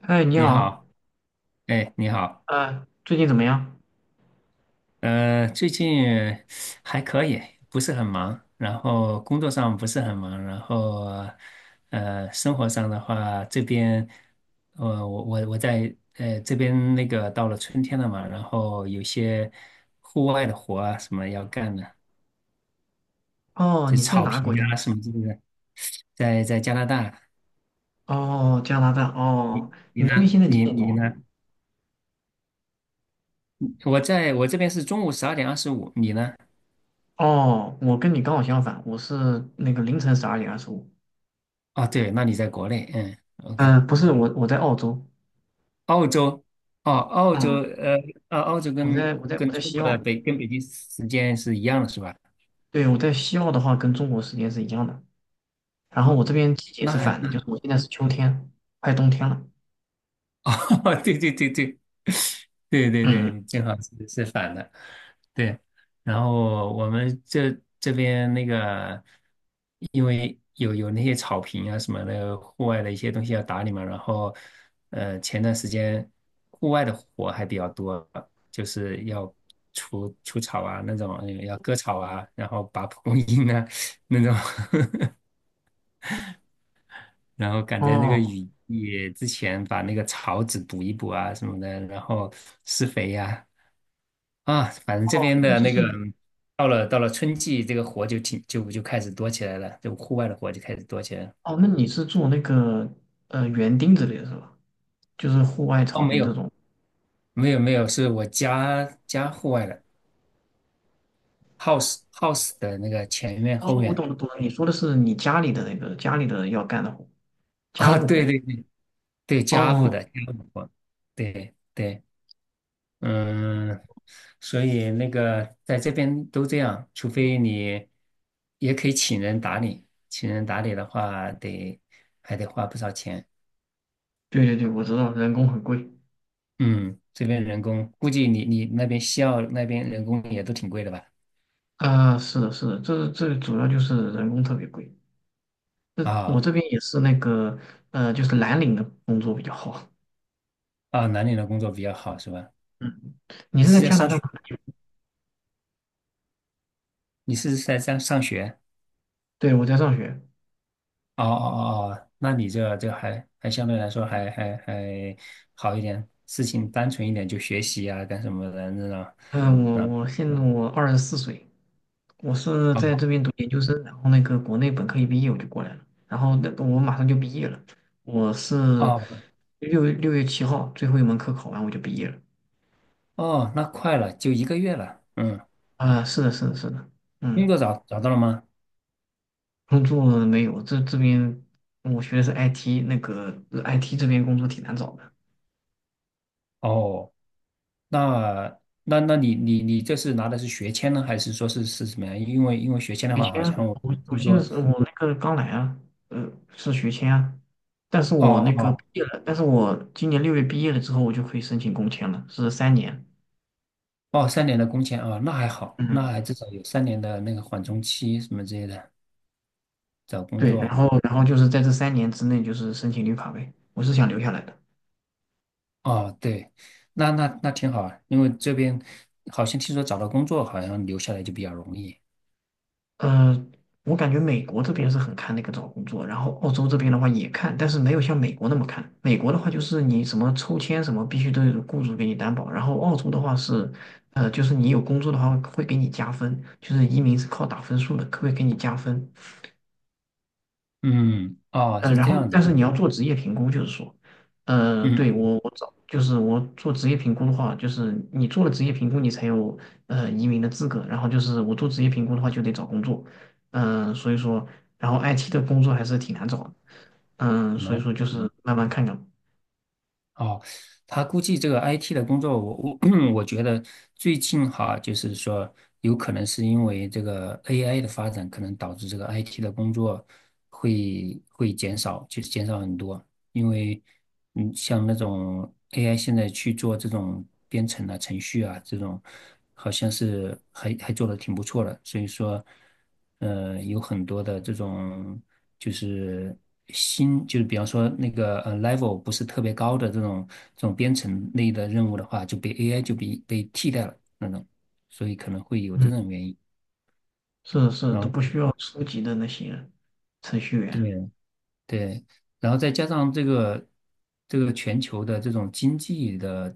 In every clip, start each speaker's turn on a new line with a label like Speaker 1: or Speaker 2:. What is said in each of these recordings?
Speaker 1: 嗨，你
Speaker 2: 你
Speaker 1: 好，
Speaker 2: 好。哎，你好。
Speaker 1: 最近怎么样？
Speaker 2: 最近还可以，不是很忙，然后工作上不是很忙，然后生活上的话，这边我在这边那个到了春天了嘛，然后有些户外的活啊什么要干的，
Speaker 1: 哦，
Speaker 2: 就
Speaker 1: 你是在
Speaker 2: 草
Speaker 1: 哪个
Speaker 2: 坪
Speaker 1: 国家？
Speaker 2: 啊什么之类的，在加拿大。
Speaker 1: 哦，加拿大。哦，
Speaker 2: 你
Speaker 1: 你那边
Speaker 2: 呢？
Speaker 1: 现在几
Speaker 2: 你
Speaker 1: 点钟
Speaker 2: 你
Speaker 1: 啊？
Speaker 2: 呢？我在我这边是中午12:25，你呢？
Speaker 1: 哦，我跟你刚好相反，我是那个凌晨12:25。
Speaker 2: 哦，对，那你在国内。嗯，OK。
Speaker 1: 嗯，不是，我在澳洲。
Speaker 2: 澳洲。哦，澳洲。
Speaker 1: 嗯，
Speaker 2: 呃，澳洲
Speaker 1: 我
Speaker 2: 跟
Speaker 1: 在我在我
Speaker 2: 跟
Speaker 1: 在
Speaker 2: 中
Speaker 1: 西
Speaker 2: 国
Speaker 1: 澳。
Speaker 2: 的北跟北京时间是一样的，是吧？
Speaker 1: 对，我在西澳的话，跟中国时间是一样的。然后
Speaker 2: 啊，
Speaker 1: 我这边季节
Speaker 2: 那
Speaker 1: 是
Speaker 2: 还，
Speaker 1: 反的，就是我现在是秋天，快冬天了。
Speaker 2: 哦，对对对对对对
Speaker 1: 嗯，
Speaker 2: 对，正好是反的，对。然后我们这边那个，因为有那些草坪啊什么的，户外的一些东西要打理嘛。然后，前段时间户外的活还比较多，就是要除草啊那种，要割草啊，然后拔蒲公英啊那种。然后赶在那个
Speaker 1: 哦，
Speaker 2: 雨季之前把那个草籽补一补啊什么的，然后施肥呀啊，反正这边的
Speaker 1: 就
Speaker 2: 那个
Speaker 1: 是
Speaker 2: 到了春季，这个活就就开始多起来了，就户外的活就开始多起来了。
Speaker 1: 哦，那你是做那个园丁之类的是吧？就是户外
Speaker 2: 哦，
Speaker 1: 草
Speaker 2: 没
Speaker 1: 坪这
Speaker 2: 有
Speaker 1: 种。
Speaker 2: 没有没有，是我家户外的 house 的那个前院后
Speaker 1: 哦，我
Speaker 2: 院
Speaker 1: 懂了懂了，你说的是你家里的那个家里的要干的活，家
Speaker 2: 啊，
Speaker 1: 务
Speaker 2: 对
Speaker 1: 活。
Speaker 2: 对对对，家务
Speaker 1: 哦，
Speaker 2: 的家务活，对对。嗯，所以那个在这边都这样，除非你也可以请人打理，请人打理的话得还得花不少钱。
Speaker 1: 对对对，我知道，人工很贵。
Speaker 2: 嗯，这边人工估计你那边西澳那边人工也都挺贵的吧？
Speaker 1: 啊，是的，是的，这主要就是人工特别贵。这我
Speaker 2: 啊
Speaker 1: 这边也是那个，就是蓝领的工作比较好。
Speaker 2: 啊，南宁的工作比较好是吧？
Speaker 1: 嗯，你
Speaker 2: 你
Speaker 1: 是在
Speaker 2: 是在
Speaker 1: 加拿
Speaker 2: 上
Speaker 1: 大
Speaker 2: 学？
Speaker 1: 哪里？
Speaker 2: 你是在上学？
Speaker 1: 对，我在上学。
Speaker 2: 哦，那你这还相对来说还好一点，事情单纯一点，就学习啊干什么的那种。
Speaker 1: 嗯，我现在24岁。我是在
Speaker 2: 啊。
Speaker 1: 这边读研究生，然后那个国内本科一毕业我就过来了，然后那个我马上就毕业了，我是
Speaker 2: 哦
Speaker 1: 六月七号最后一门课考完我就毕业了。
Speaker 2: 哦，那快了，就1个月了。嗯，
Speaker 1: 啊，是的，是的，是的。
Speaker 2: 工
Speaker 1: 嗯，
Speaker 2: 作找到了吗？
Speaker 1: 工作没有，这边我学的是 IT，那个IT 这边工作挺难找的。
Speaker 2: 哦，那那你这是拿的是学签呢，还是说是什么呀？因为学签的
Speaker 1: 学
Speaker 2: 话，好
Speaker 1: 签啊，
Speaker 2: 像我
Speaker 1: 我
Speaker 2: 听
Speaker 1: 现在
Speaker 2: 说，
Speaker 1: 是我那个刚来啊，呃，是学签啊，但是
Speaker 2: 哦
Speaker 1: 我那个毕
Speaker 2: 哦
Speaker 1: 业了，但是我今年六月毕业了之后，我就可以申请工签了，是三年。
Speaker 2: 哦，三年的工签啊，那还好，那
Speaker 1: 嗯，
Speaker 2: 还至少有三年的那个缓冲期什么之类的。找工
Speaker 1: 对，然
Speaker 2: 作
Speaker 1: 后然后就是在这三年之内就是申请绿卡呗，我是想留下来的。
Speaker 2: 哦，对，那挺好啊，因为这边好像听说找到工作好像留下来就比较容易。
Speaker 1: 呃，我感觉美国这边是很看那个找工作，然后澳洲这边的话也看，但是没有像美国那么看。美国的话就是你什么抽签什么必须都有雇主给你担保，然后澳洲的话是，就是你有工作的话会给你加分，就是移民是靠打分数的，可会给你加分。
Speaker 2: 嗯，哦，是
Speaker 1: 然
Speaker 2: 这
Speaker 1: 后
Speaker 2: 样子。
Speaker 1: 但是你要做职业评估，就是说，
Speaker 2: 嗯
Speaker 1: 对
Speaker 2: 嗯，
Speaker 1: 我找就是我做职业评估的话，就是你做了职业评估，你才有移民的资格。然后就是我做职业评估的话，就得找工作。嗯，所以说，然后 IT 的工作还是挺难找的。嗯，
Speaker 2: 很
Speaker 1: 所以
Speaker 2: 难。
Speaker 1: 说就是慢慢看看。
Speaker 2: 哦，他估计这个 IT 的工作，我 我觉得最近哈，就是说有可能是因为这个 AI 的发展，可能导致这个 IT 的工作会减少，就是减少很多。因为嗯，像那种 AI 现在去做这种编程啊、程序啊这种，好像是还做的挺不错的，所以说，有很多的这种就是新，就是比方说那个level 不是特别高的这种这种编程类的任务的话，就被 AI 就被替代了那种，所以可能会有这
Speaker 1: 嗯，
Speaker 2: 种原因。
Speaker 1: 是是，
Speaker 2: 然
Speaker 1: 都
Speaker 2: 后
Speaker 1: 不需要初级的那些程序员，
Speaker 2: 对，对，然后再加上这个这个全球的这种经济的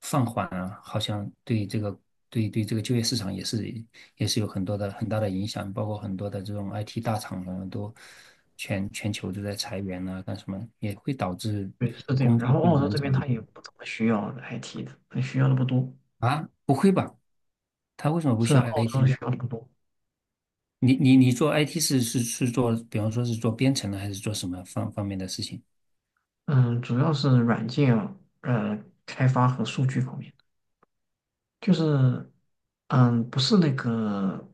Speaker 2: 放缓啊，好像对这个对对这个就业市场也是也是有很多的很大的影响，包括很多的这种 IT 大厂啊，都全球都在裁员啊，干什么也会导致
Speaker 1: 对，是这样。
Speaker 2: 工
Speaker 1: 然
Speaker 2: 作
Speaker 1: 后
Speaker 2: 会
Speaker 1: 澳洲
Speaker 2: 难
Speaker 1: 这
Speaker 2: 找
Speaker 1: 边他也不怎么需要 IT 的，他需要的不多，
Speaker 2: 啊？不会吧？他为什么不
Speaker 1: 是
Speaker 2: 需
Speaker 1: 啊，
Speaker 2: 要
Speaker 1: 澳
Speaker 2: IT
Speaker 1: 洲
Speaker 2: 呢？
Speaker 1: 需要的不多。
Speaker 2: 你做 IT 是做，比方说是做编程的，还是做什么方方面的事情？
Speaker 1: 嗯，主要是软件呃开发和数据方面，就是不是那个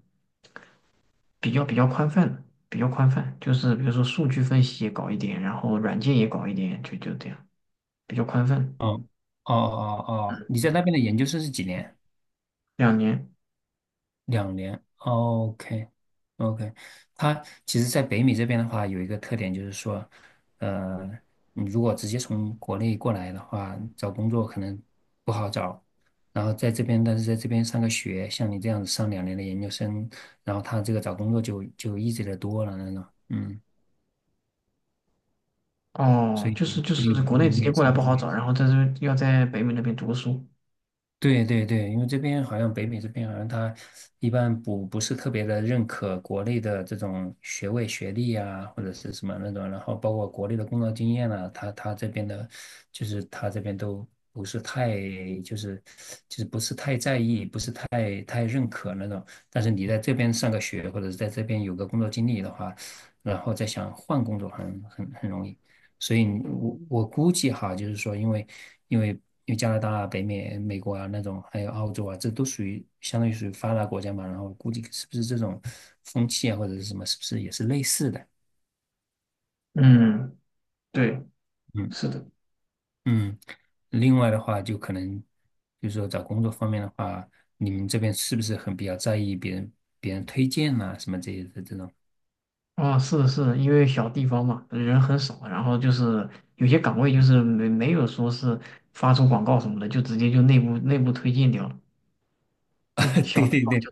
Speaker 1: 比较宽泛的，比较宽泛，就是比如说数据分析也搞一点，然后软件也搞一点，就这样，比较宽泛。
Speaker 2: 嗯，哦哦哦，你在那边的研究生是几年？
Speaker 1: 2年。
Speaker 2: 两年。哦 OK 哦 OK，他其实，在北美这边的话，有一个特点就是说，呃，你如果直接从国内过来的话，找工作可能不好找。然后在这边，但是在这边上个学，像你这样子上两年的研究生，然后他这个找工作就就 easy 的多了那种。嗯，所
Speaker 1: 哦，
Speaker 2: 以
Speaker 1: 就是
Speaker 2: 所以你这
Speaker 1: 国内
Speaker 2: 边应
Speaker 1: 直
Speaker 2: 该
Speaker 1: 接
Speaker 2: 也
Speaker 1: 过
Speaker 2: 是。
Speaker 1: 来不好找，然后在这要在北美那边读书。
Speaker 2: 对对对，因为这边好像北美这边好像他一般不是特别的认可国内的这种学位学历啊，或者是什么那种，然后包括国内的工作经验啊，他他这边的，就是他这边都不是太就是就是不是太在意，不是太认可那种。但是你在这边上个学，或者是在这边有个工作经历的话，然后再想换工作很容易，所以我估计哈，就是说因，为因为因为加拿大啊北美、美国啊那种，还有澳洲啊，这都属于相当于属于发达国家嘛，然后估计是不是这种风气啊或者是什么，是不是也是类似的？
Speaker 1: 嗯，对，
Speaker 2: 嗯
Speaker 1: 是的。
Speaker 2: 嗯，另外的话，就可能就是说找工作方面的话，你们这边是不是很比较在意别人推荐啊什么这些的这种？
Speaker 1: 啊，是是，因为小地方嘛，人很少，然后就是有些岗位就是没有说是发出广告什么的，就直接就内部推荐掉了。因为 小
Speaker 2: 对
Speaker 1: 地
Speaker 2: 对
Speaker 1: 方
Speaker 2: 对，
Speaker 1: 就。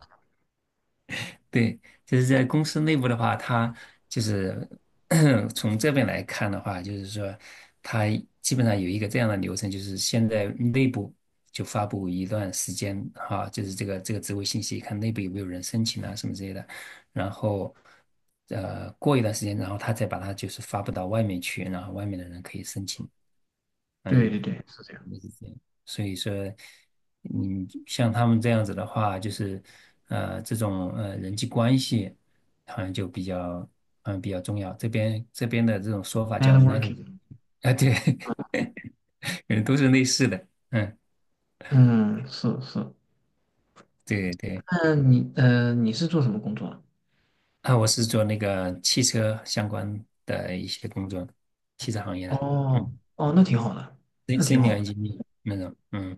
Speaker 2: 对，就是在公司内部的话，他就是 从这边来看的话，就是说，他基本上有一个这样的流程，就是现在内部就发布一段时间哈、就是这个这个职位信息，看内部有没有人申请啊什么之类的，然后过一段时间，然后他再把它就是发布到外面去，然后外面的人可以申请。啊，
Speaker 1: 对
Speaker 2: 有
Speaker 1: 对对，是这样
Speaker 2: 是这样所以说，嗯，像他们这样子的话，就是，这种人际关系好像就比较嗯比较重要。这边的这种说法叫 network。
Speaker 1: ，networking。
Speaker 2: 啊，对，嗯，都是类似的。嗯，
Speaker 1: 嗯，是是。
Speaker 2: 对对。
Speaker 1: 那你是做什么工作的？
Speaker 2: 啊，我是做那个汽车相关的一些工作，汽车行业的，
Speaker 1: 哦
Speaker 2: 嗯
Speaker 1: 哦，那挺好的，那
Speaker 2: s e
Speaker 1: 挺
Speaker 2: n i
Speaker 1: 好的。
Speaker 2: o 那种。嗯。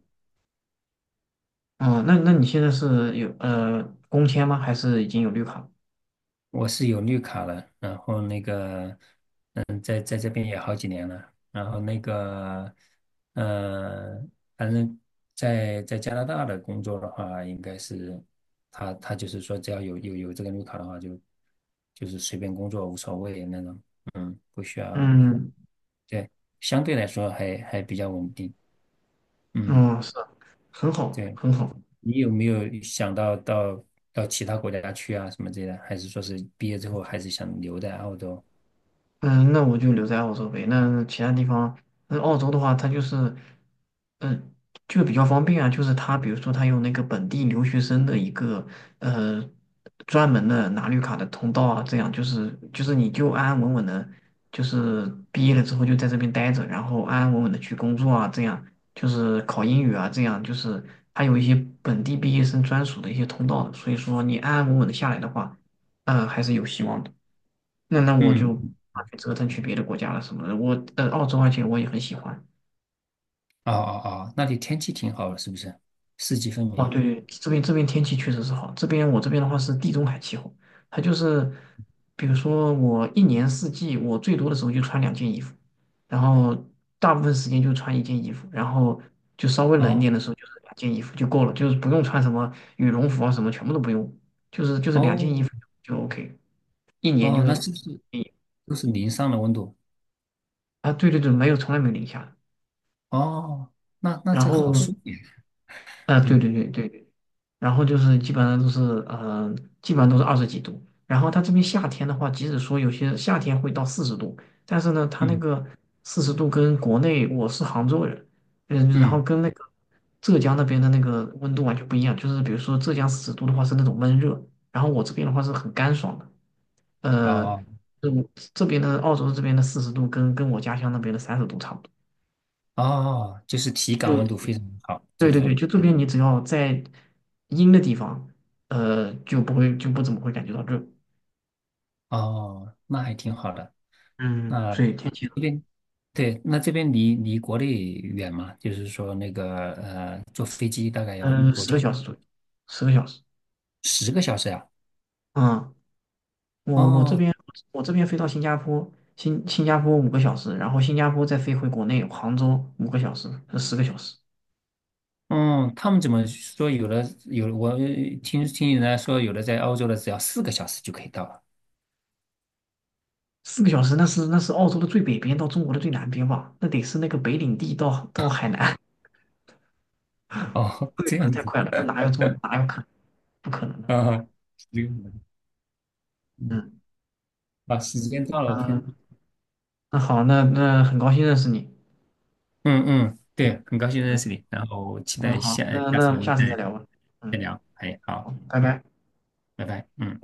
Speaker 1: 哦，那你现在是有工签吗？还是已经有绿卡？
Speaker 2: 我是有绿卡了，然后那个，嗯，在在这边也好几年了，然后那个，呃，反正在加拿大的工作的话，应该是他就是说，只要有这个绿卡的话就，就是随便工作无所谓那种，嗯，不需要，
Speaker 1: 嗯
Speaker 2: 对，相对来说还比较稳定，嗯，
Speaker 1: 嗯，是，很好
Speaker 2: 对，
Speaker 1: 很好。
Speaker 2: 你有没有想到其他国家去啊什么之类的，还是说是毕业之后还是想留在澳洲？
Speaker 1: 嗯，那我就留在澳洲呗。那其他地方，那澳洲的话，它就是，嗯，就比较方便啊。就是它，比如说它有那个本地留学生的一个呃专门的拿绿卡的通道啊，这样就是你就安安稳稳的，就是毕业了之后就在这边待着，然后安安稳稳的去工作啊，这样就是考英语啊，这样就是它有一些本地毕业生专属的一些通道的。所以说你安安稳稳的下来的话，嗯，还是有希望的。那我就
Speaker 2: 嗯，
Speaker 1: 去折腾去别的国家了什么的。我，澳洲而且我也很喜欢。
Speaker 2: 哦哦哦，那里天气挺好的，是不是？四季分
Speaker 1: 哦，
Speaker 2: 明。
Speaker 1: 对对，这边天气确实是好。这边的话是地中海气候，它就是，比如说我一年四季，我最多的时候就穿两件衣服，然后大部分时间就穿一件衣服，然后就稍微冷一
Speaker 2: 哦
Speaker 1: 点的时候就是两件衣服就够了，就是不用穿什么羽绒服啊什么，全部都不用，就是两件衣
Speaker 2: 哦
Speaker 1: 服就 OK，一年就
Speaker 2: 哦，那是不是都是零上的温度？
Speaker 1: ，对对对，没有从来没有零下的。
Speaker 2: 哦，那那
Speaker 1: 然
Speaker 2: 这好
Speaker 1: 后
Speaker 2: 舒服呀。
Speaker 1: 对
Speaker 2: 嗯
Speaker 1: 对对对对，然后就是呃，基本上都是20几度。然后它这边夏天的话，即使说有些夏天会到四十度，但是呢，它那
Speaker 2: 嗯
Speaker 1: 个四十度跟国内我是杭州人，嗯，然后
Speaker 2: 嗯，
Speaker 1: 跟那个浙江那边的那个温度完全不一样。就是比如说浙江四十度的话是那种闷热，然后我这边的话是很干爽的。呃，
Speaker 2: 哦
Speaker 1: 就这边的澳洲这边的四十度跟我家乡那边的30度差不多。
Speaker 2: 哦，就是体感
Speaker 1: 就。
Speaker 2: 温度非常好，
Speaker 1: 对
Speaker 2: 这
Speaker 1: 对对，
Speaker 2: 种。
Speaker 1: 就这边你只要在阴的地方，就不会不怎么会感觉到热。
Speaker 2: 哦，那还挺好的。
Speaker 1: 嗯，
Speaker 2: 那
Speaker 1: 所以天气，
Speaker 2: 这边对，那这边离国内远吗？就是说那个坐飞机大概要
Speaker 1: 嗯，
Speaker 2: 多
Speaker 1: 十个
Speaker 2: 久？
Speaker 1: 小时左右，十个小时。
Speaker 2: 10个小时呀、
Speaker 1: 嗯，我这
Speaker 2: 哦，
Speaker 1: 边飞到新加坡，新加坡五个小时，然后新加坡再飞回国内杭州五个小时，是十个小时。
Speaker 2: 嗯，他们怎么说？有的有，我听人家说，有的在欧洲的只要4个小时就可以到了。
Speaker 1: 4个小时那是澳洲的最北边到中国的最南边吧？那得是那个北领地到海南，
Speaker 2: 哦，
Speaker 1: 这个小
Speaker 2: 这
Speaker 1: 时
Speaker 2: 样
Speaker 1: 太
Speaker 2: 子
Speaker 1: 快了，这哪有可能不可能的？
Speaker 2: 啊，这个嗯，
Speaker 1: 嗯
Speaker 2: 啊，时间到了，我看。
Speaker 1: 嗯，那好，那很高兴认识你。
Speaker 2: 嗯，对，很高兴认识
Speaker 1: 嗯，
Speaker 2: 你，然后期
Speaker 1: 嗯，
Speaker 2: 待
Speaker 1: 好，
Speaker 2: 下
Speaker 1: 那
Speaker 2: 下
Speaker 1: 那我
Speaker 2: 次我
Speaker 1: 们
Speaker 2: 们
Speaker 1: 下
Speaker 2: 再
Speaker 1: 次再聊吧。
Speaker 2: 再
Speaker 1: 嗯，
Speaker 2: 聊。哎，
Speaker 1: 好，
Speaker 2: 好，
Speaker 1: 拜拜。
Speaker 2: 拜拜，嗯。